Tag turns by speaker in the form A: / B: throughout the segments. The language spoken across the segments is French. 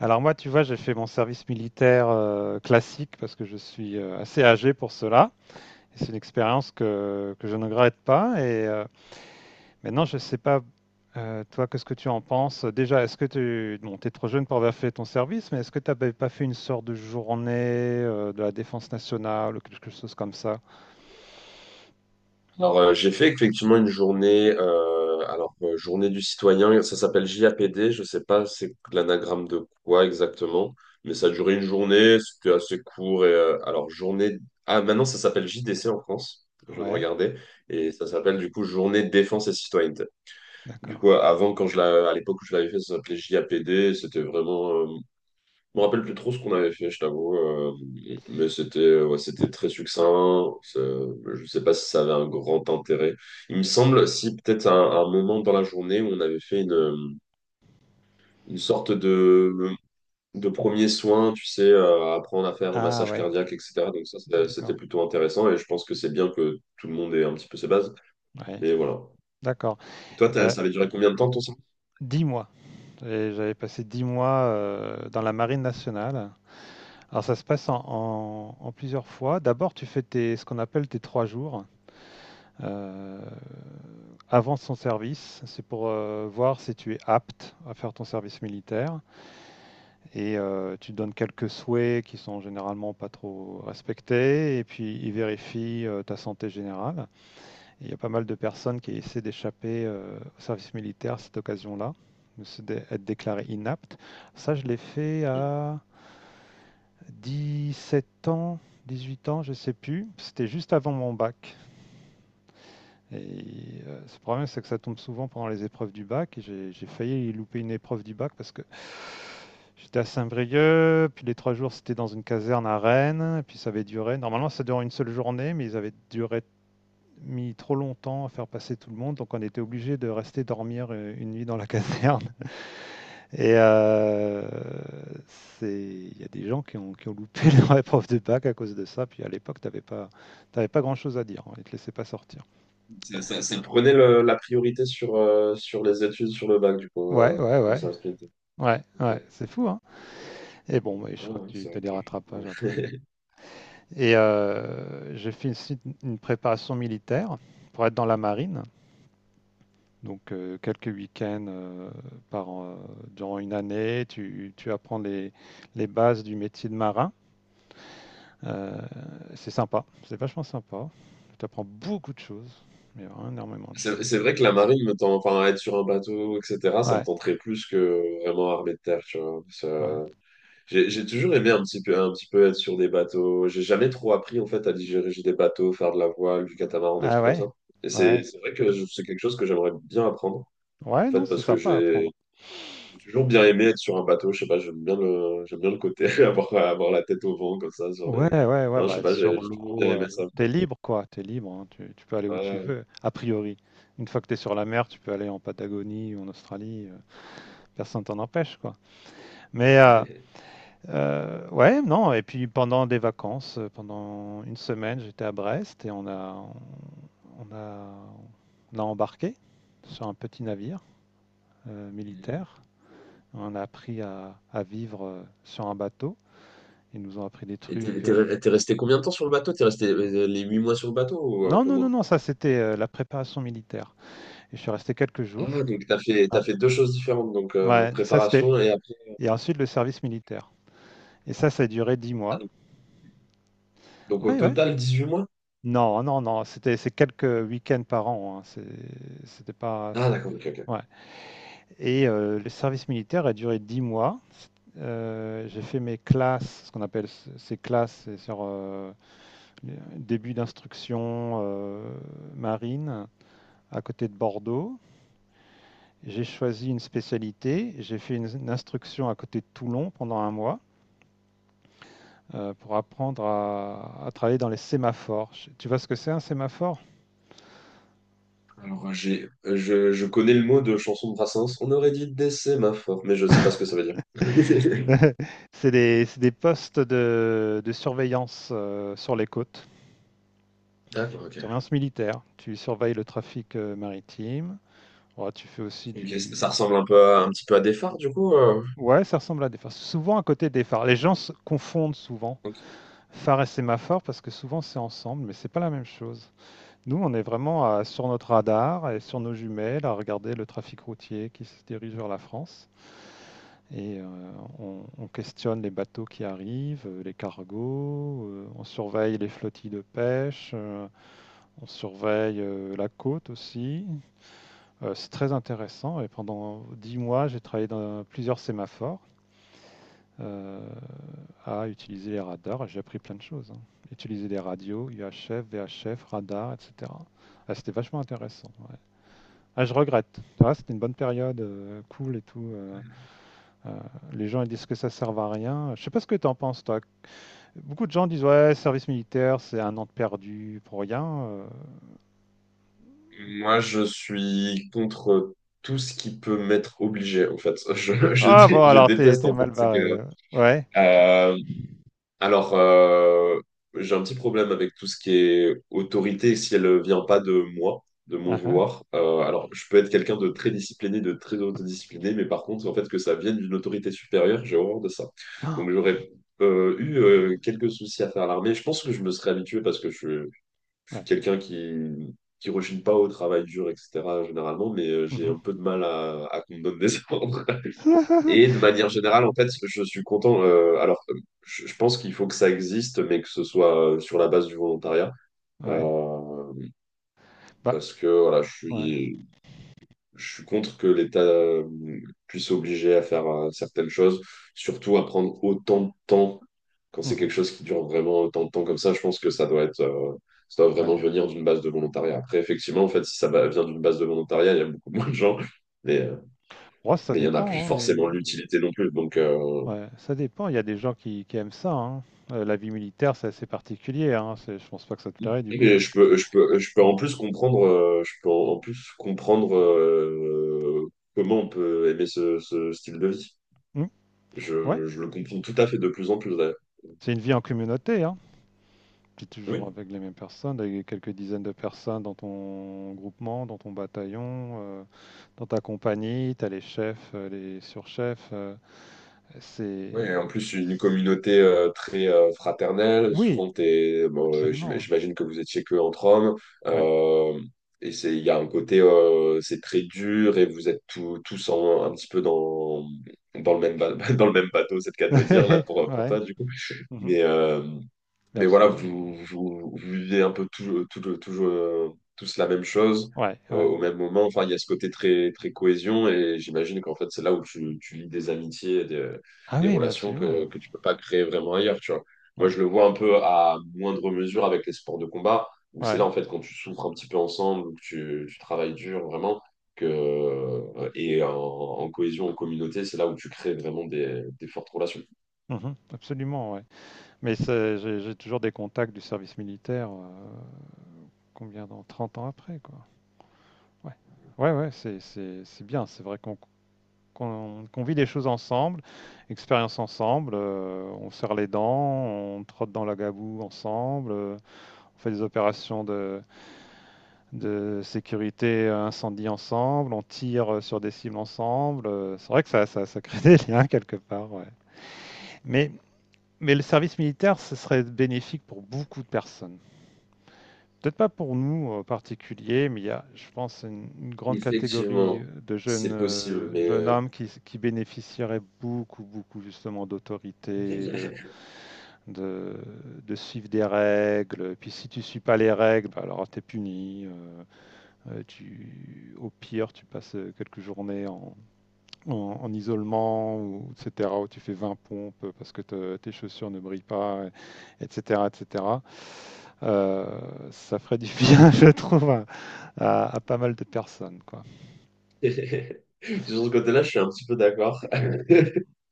A: Alors moi, tu vois, j'ai fait mon service militaire classique parce que je suis assez âgé pour cela. Et c'est une expérience que je ne regrette pas. Et maintenant, je ne sais pas. Toi, qu'est-ce que tu en penses? Déjà, bon, t'es trop jeune pour avoir fait ton service, mais est-ce que tu n'avais pas fait une sorte de journée de la défense nationale ou quelque chose comme ça?
B: J'ai fait effectivement une journée, journée du citoyen, ça s'appelle JAPD, je sais pas c'est l'anagramme de quoi exactement, mais ça a duré une journée, c'était assez court. Ah maintenant ça s'appelle JDC en France, je viens de
A: Ouais,
B: regarder, et ça s'appelle du coup Journée de défense et citoyenneté. Du
A: d'accord.
B: coup, avant, à l'époque où je l'avais fait, ça s'appelait JAPD, c'était vraiment je me rappelle plus trop ce qu'on avait fait, je t'avoue, mais c'était très succinct. Je sais pas si ça avait un grand intérêt. Il me semble, si peut-être à un moment dans la journée, on avait fait une sorte de premier soin, tu sais, apprendre à faire un
A: Ah
B: massage
A: ouais,
B: cardiaque, etc. Donc ça, c'était
A: d'accord.
B: plutôt intéressant et je pense que c'est bien que tout le monde ait un petit peu ses bases.
A: Ouais,
B: Mais voilà.
A: d'accord.
B: Toi,
A: Euh,
B: ça avait duré combien de temps ton soin?
A: 10 mois. Et j'avais passé 10 mois dans la marine nationale. Alors ça se passe en plusieurs fois. D'abord, tu fais ce qu'on appelle tes 3 jours euh, avant son service. C'est pour voir si tu es apte à faire ton service militaire. Et tu donnes quelques souhaits qui sont généralement pas trop respectés. Et puis ils vérifient ta santé générale. Et il y a pas mal de personnes qui essaient d'échapper au service militaire à cette occasion-là, être déclarées inaptes. Ça, je l'ai fait à 17 ans, 18 ans, je sais plus. C'était juste avant mon bac. Et ce problème, c'est que ça tombe souvent pendant les épreuves du bac. Et j'ai failli louper une épreuve du bac parce que j'étais à Saint-Brieuc, puis les 3 jours, c'était dans une caserne à Rennes, et puis ça avait duré. Normalement, ça durait une seule journée, mais ils avaient duré mis trop longtemps à faire passer tout le monde, donc on était obligé de rester dormir une nuit dans la caserne. Et il y a des gens qui ont loupé leur épreuve de bac à cause de ça. Puis à l'époque, pas, t'avais pas grand-chose à dire, hein. Ils te laissaient pas sortir.
B: Ça, ça prenait la priorité sur, sur les études, sur le bac, du coup,
A: Ouais,
B: euh,
A: ouais,
B: les
A: ouais.
B: services militaires.
A: Ouais,
B: Ok.
A: ouais, c'est fou, hein. Et bon, ouais, je
B: Ah
A: crois que
B: ouais,
A: tu as des rattrapages
B: ouais.
A: après. Et j'ai fait aussi une préparation militaire pour être dans la marine. Donc quelques week-ends par, an- euh, durant une année, tu apprends les bases du métier de marin. Euh, c'est sympa, c'est vachement sympa. Tu apprends beaucoup de choses, mais vraiment énormément de
B: C'est
A: choses.
B: vrai que la marine me tend, enfin, être sur un bateau, etc., ça me
A: Ouais,
B: tenterait plus que vraiment armée de terre, tu vois. Ça-
A: ouais.
B: J'ai j'ai toujours aimé un petit peu être sur des bateaux. J'ai jamais trop appris, en fait, à diriger des bateaux, faire de la voile, du catamaran, des
A: Ah
B: trucs comme
A: ouais,
B: ça. Et
A: ouais.
B: c'est c'est vrai que c'est quelque chose que j'aimerais bien apprendre, en
A: Ouais,
B: fait,
A: non, c'est
B: parce que
A: sympa à
B: j'ai
A: apprendre.
B: j'ai toujours bien aimé être sur un bateau. Je sais pas, j'aime bien le côté, avoir la tête au vent, comme ça, sur les...
A: Ouais, ouais, ouais,
B: Hein, je sais
A: bah
B: pas,
A: sur
B: j'ai toujours bien
A: l'eau,
B: aimé ça.
A: t'es libre quoi, t'es libre, hein, tu peux aller où tu
B: Ouais.
A: veux, a priori. Une fois que t'es sur la mer, tu peux aller en Patagonie ou en Australie. Personne t'en empêche quoi. Mais euh, ouais, non, et puis pendant des vacances, pendant une semaine, j'étais à Brest et on a On a embarqué sur un petit navire militaire. On a appris à vivre sur un bateau. Ils nous ont appris des
B: Et t'es
A: trucs.
B: t'es re- t'es resté combien de temps sur le bateau? T'es resté les 8 mois sur le bateau ou un
A: Non,
B: peu
A: non, non,
B: moins?
A: non, ça c'était la préparation militaire. Et je suis resté quelques jours.
B: Ah,
A: Ouais,
B: t'as fait deux choses différentes,
A: ouais, ça c'était.
B: préparation et après.
A: Et ensuite le service militaire. Et ça a duré dix
B: Ah,
A: mois.
B: donc au
A: Ouais, ouais.
B: total 18 mois?
A: Non, non, non, c'était c'est quelques week-ends par an, hein. C'était pas.
B: Ah d'accord, ok, ok.
A: Ouais. Et le service militaire a duré 10 mois. J'ai fait mes classes, ce qu'on appelle ces classes, c'est sur début d'instruction marine à côté de Bordeaux. J'ai choisi une spécialité. J'ai fait une instruction à côté de Toulon pendant un mois pour apprendre à travailler dans les sémaphores. Tu vois ce que c'est un sémaphore?
B: Je connais le mot de chanson de Brassens. On aurait dit décès, ma mais je sais pas ce que ça veut dire.
A: C'est des postes de surveillance sur les côtes,
B: D'accord, ok.
A: surveillance militaire. Tu surveilles le trafic maritime. Ouais, tu fais aussi
B: Ok, c-
A: du...
B: ça ressemble un petit peu à des phares du coup.
A: Ouais, ça ressemble à des phares. Souvent à côté des phares. Les gens se confondent souvent.
B: Ok.
A: Phare et sémaphore, parce que souvent c'est ensemble, mais c'est pas la même chose. Nous, on est vraiment sur notre radar et sur nos jumelles à regarder le trafic routier qui se dirige vers la France. Et on questionne les bateaux qui arrivent, les cargos, on surveille les flottilles de pêche, on surveille la côte aussi. C'est très intéressant et pendant 10 mois, j'ai travaillé dans plusieurs sémaphores, euh, à utiliser les radars. J'ai appris plein de choses, hein. Utiliser les radios, UHF, VHF, radar, etc. Ah, c'était vachement intéressant, ouais. Ah, je regrette. Ah, c'était une bonne période, cool et tout. Euh, les gens ils disent que ça sert à rien. Je sais pas ce que tu en penses, toi. Beaucoup de gens disent ouais, service militaire, c'est un an de perdu pour rien.
B: Moi, je suis contre tout ce qui peut m'être obligé, en fait.
A: Ah bon,
B: Je
A: alors t'es
B: déteste,
A: t'es
B: en fait,
A: mal
B: c'est
A: barré.
B: que
A: euh. Ouais.
B: euh, Alors, euh, j'ai un petit problème avec tout ce qui est autorité si elle ne vient pas de moi, de mon
A: Ah, ah.
B: vouloir. Je peux être quelqu'un de très discipliné, de très autodiscipliné, mais par contre, en fait, que ça vienne d'une autorité supérieure, j'ai horreur de ça.
A: Ah,
B: Donc, j'aurais eu quelques soucis à faire à l'armée. Je pense que je me serais habitué parce que je suis
A: ouais.
B: quelqu'un qui rechigne pas au travail dur, etc., généralement, mais j'ai
A: Mhm.
B: un peu de mal à qu'on me donne des ordres. Et de manière générale, en fait, je suis content. Je pense qu'il faut que ça existe, mais que ce soit sur la base du volontariat.
A: Ouais.
B: Euh,
A: Bah,
B: Parce que voilà,
A: ouais.
B: je suis contre que l'État puisse obliger à faire certaines choses, surtout à prendre autant de temps. Quand c'est
A: Mhm.
B: quelque chose qui dure vraiment autant de temps comme ça, je pense que ça doit ça doit vraiment
A: Ouais.
B: venir d'une base de volontariat. Après, effectivement, en fait, si ça vient d'une base de volontariat, il y a beaucoup moins de gens, mais, euh,
A: Ouais, ça
B: mais il n'y en a plus
A: dépend, hein, et
B: forcément l'utilité non plus.
A: ouais, ça dépend. Il y a des gens qui aiment ça, hein. La vie militaire, c'est assez particulier, hein. Je pense pas que ça te plairait du coup
B: Et
A: parce que tu.
B: je peux
A: Ouais,
B: en plus comprendre, comment on peut aimer ce style de vie.
A: hmm, ouais.
B: Je le comprends tout à fait de plus en plus d'ailleurs.
A: C'est une vie en communauté, hein. Tu es toujours
B: Oui.
A: avec les mêmes personnes, avec quelques dizaines de personnes dans ton groupement, dans ton bataillon, dans ta compagnie. Tu as les chefs, les surchefs. C'est.
B: Oui, et en plus une communauté très fraternelle.
A: Oui,
B: Souvent,
A: absolument.
B: j'imagine que vous étiez que entre hommes.
A: Oui.
B: Euh, et c'est, il y a un côté, c'est très dur et vous êtes tous un petit peu dans dans le même bateau, c'est le cas de le dire là
A: Ouais.
B: pour
A: Ouais.
B: toi du coup.
A: Mhm.
B: Mais euh,
A: Mais
B: Mais voilà,
A: absolument.
B: vous vivez un peu tout, tous la même chose
A: Ouais, ouais.
B: au même moment. Enfin, il y a ce côté très cohésion et j'imagine qu'en fait, c'est là où tu lis des amitiés, et
A: Ah
B: des
A: oui, mais
B: relations
A: absolument.
B: que tu peux pas créer vraiment ailleurs, tu vois. Moi,
A: Ouais.
B: je le vois un peu à moindre mesure avec les sports de combat, où c'est là,
A: Ouais.
B: en fait, quand tu souffres un petit peu ensemble, ou que tu travailles dur, vraiment, et en cohésion, en communauté, c'est là où tu crées vraiment des fortes relations.
A: Mmh. Absolument, ouais. Mais c'est j'ai toujours des contacts du service militaire, combien dans 30 ans après, quoi. Ouais. Ouais, ouais, c'est bien. C'est vrai qu'on vit les choses ensemble, expérience ensemble, on serre les dents, on trotte dans la gaboue ensemble, on fait des opérations de sécurité, incendie ensemble, on tire, sur des cibles ensemble, c'est vrai que ça crée des liens quelque part, ouais. Mais Mais le service militaire, ce serait bénéfique pour beaucoup de personnes. Peut-être pas pour nous en particulier, mais il y a, je pense, une grande catégorie
B: Effectivement,
A: de jeunes,
B: c'est possible, mais
A: jeunes hommes qui bénéficieraient beaucoup, beaucoup justement d'autorité, de, de suivre des règles. Et puis si tu ne suis pas les règles, bah, alors t'es puni. Au pire, tu passes quelques journées en isolement, ou, etc., où tu fais 20 pompes parce que tes chaussures ne brillent pas, etc., etc. Ça ferait du bien, je trouve, à pas mal de personnes, quoi.
B: sur ce côté-là, je suis un petit peu d'accord.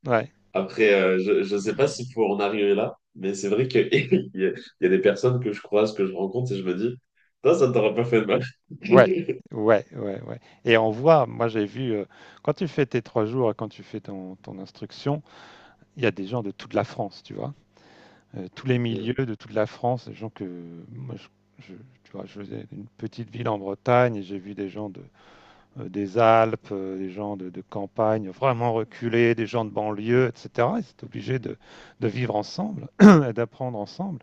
A: Ouais,
B: Après, euh, je ne sais pas s'il faut en arriver là, mais c'est vrai qu'il il y a des personnes que je croise, que je rencontre, et je me dis, ça ne t'aurait pas fait de mal.
A: ouais, ouais, ouais, ouais. Et on voit, moi j'ai vu, quand tu fais tes 3 jours et quand tu fais ton instruction, il y a des gens de toute la France, tu vois. Tous les milieux
B: Mm,
A: de toute la France, des gens que, moi, je- tu vois, je faisais une petite ville en Bretagne et j'ai vu des gens des Alpes, des gens de campagne vraiment reculés, des gens de banlieue, etc. Ils étaient obligés de vivre ensemble et d'apprendre ensemble.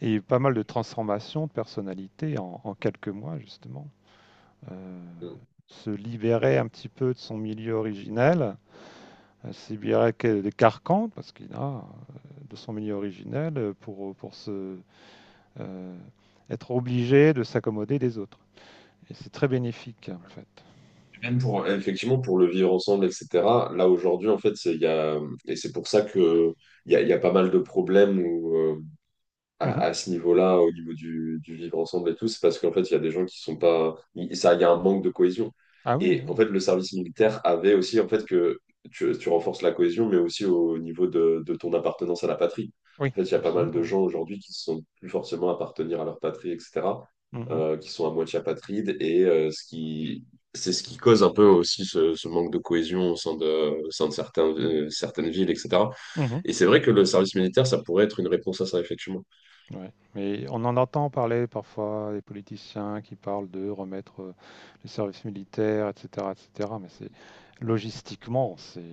A: Et il y a eu pas mal de transformations de personnalités en quelques mois, justement. Euh,
B: mm.
A: Se libérer un petit peu de son milieu originel, se libérer des carcans, parce qu'il a de son milieu originel pour euh, être obligé de s'accommoder des autres. Et c'est très bénéfique, en fait.
B: Même pour, effectivement, pour le vivre ensemble, etc. Là, aujourd'hui, en fait, c'est- il y a, et c'est pour ça que il y a pas mal de problèmes où,
A: Mhm.
B: à ce niveau-là, au niveau du vivre ensemble et tout, c'est parce qu'en fait, il y a des gens qui sont pas. Il y a un manque de cohésion.
A: Ah oui,
B: Et
A: oui,
B: en fait, le service militaire avait aussi, en fait, que tu renforces la cohésion, mais aussi au niveau de ton appartenance à la patrie.
A: oui,
B: En fait, il y a pas mal de
A: absolument.
B: gens aujourd'hui qui ne sont plus forcément appartenir à leur patrie, etc.,
A: Mmh mh.
B: qui sont à moitié apatrides, et c'est ce qui cause un peu aussi ce manque de cohésion au sein au sein de certains, certaines villes, etc.
A: Mmh.
B: Et c'est vrai que le service militaire, ça pourrait être une réponse à ça, effectivement.
A: Ouais, mais on en entend parler parfois, des politiciens qui parlent de remettre, le service militaire et cetera, mais c'est logistiquement, c'est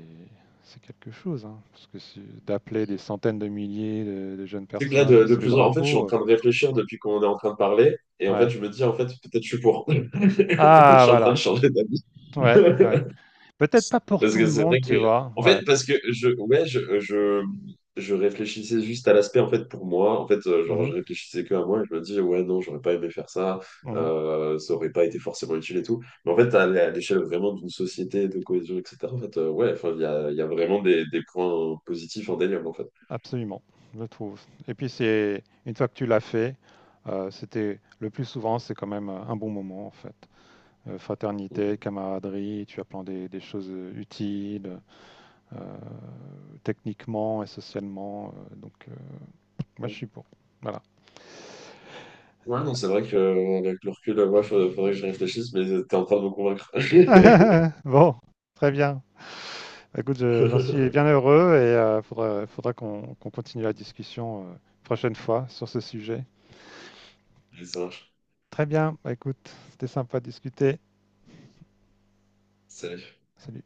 A: c'est quelque chose, hein, parce que c'est d'appeler des centaines de milliers de jeunes
B: C'est que là,
A: personnes
B: de
A: sous les
B: plus en en fait, je suis en
A: drapeaux,
B: train de réfléchir depuis qu'on est en train de parler. Et en fait,
A: ouais.
B: je me dis, en fait, peut-être je suis pour. Je
A: Ah
B: suis en train de
A: voilà,
B: changer d'avis.
A: ouais, ouais. Peut-être pas pour
B: Parce
A: tout
B: que
A: le
B: c'est
A: monde,
B: vrai que,
A: tu vois?
B: en fait,
A: Ouais.
B: parce que je, ouais, je réfléchissais juste à l'aspect, en fait, pour moi. Je
A: Mhm,
B: réfléchissais que à moi et je me dis, ouais, non, j'aurais pas aimé faire ça,
A: mhm.
B: ça aurait pas été forcément utile et tout. Mais en fait, à l'échelle vraiment d'une société, de cohésion, etc., en fait, il y a vraiment des points positifs en délire, en fait.
A: Absolument, je trouve, et puis c'est une fois que tu l'as fait, c'était le plus souvent, c'est quand même, un bon moment, en fait. Fraternité, camaraderie, tu apprends des choses utiles, euh, techniquement et socialement. Donc, moi, je
B: Mm.
A: suis pour. Voilà.
B: Ouais, non, c'est vrai que avec le recul, faudrait que je réfléchisse, mais t'es en train de me convaincre.
A: Bon, très bien. Bah, écoute, j'en suis bien heureux et il faudra qu'on continue la discussion prochaine fois sur ce sujet.
B: Allez, ça marche.
A: Très bien. Bah, écoute, c'était sympa de discuter.
B: Salut.
A: Salut.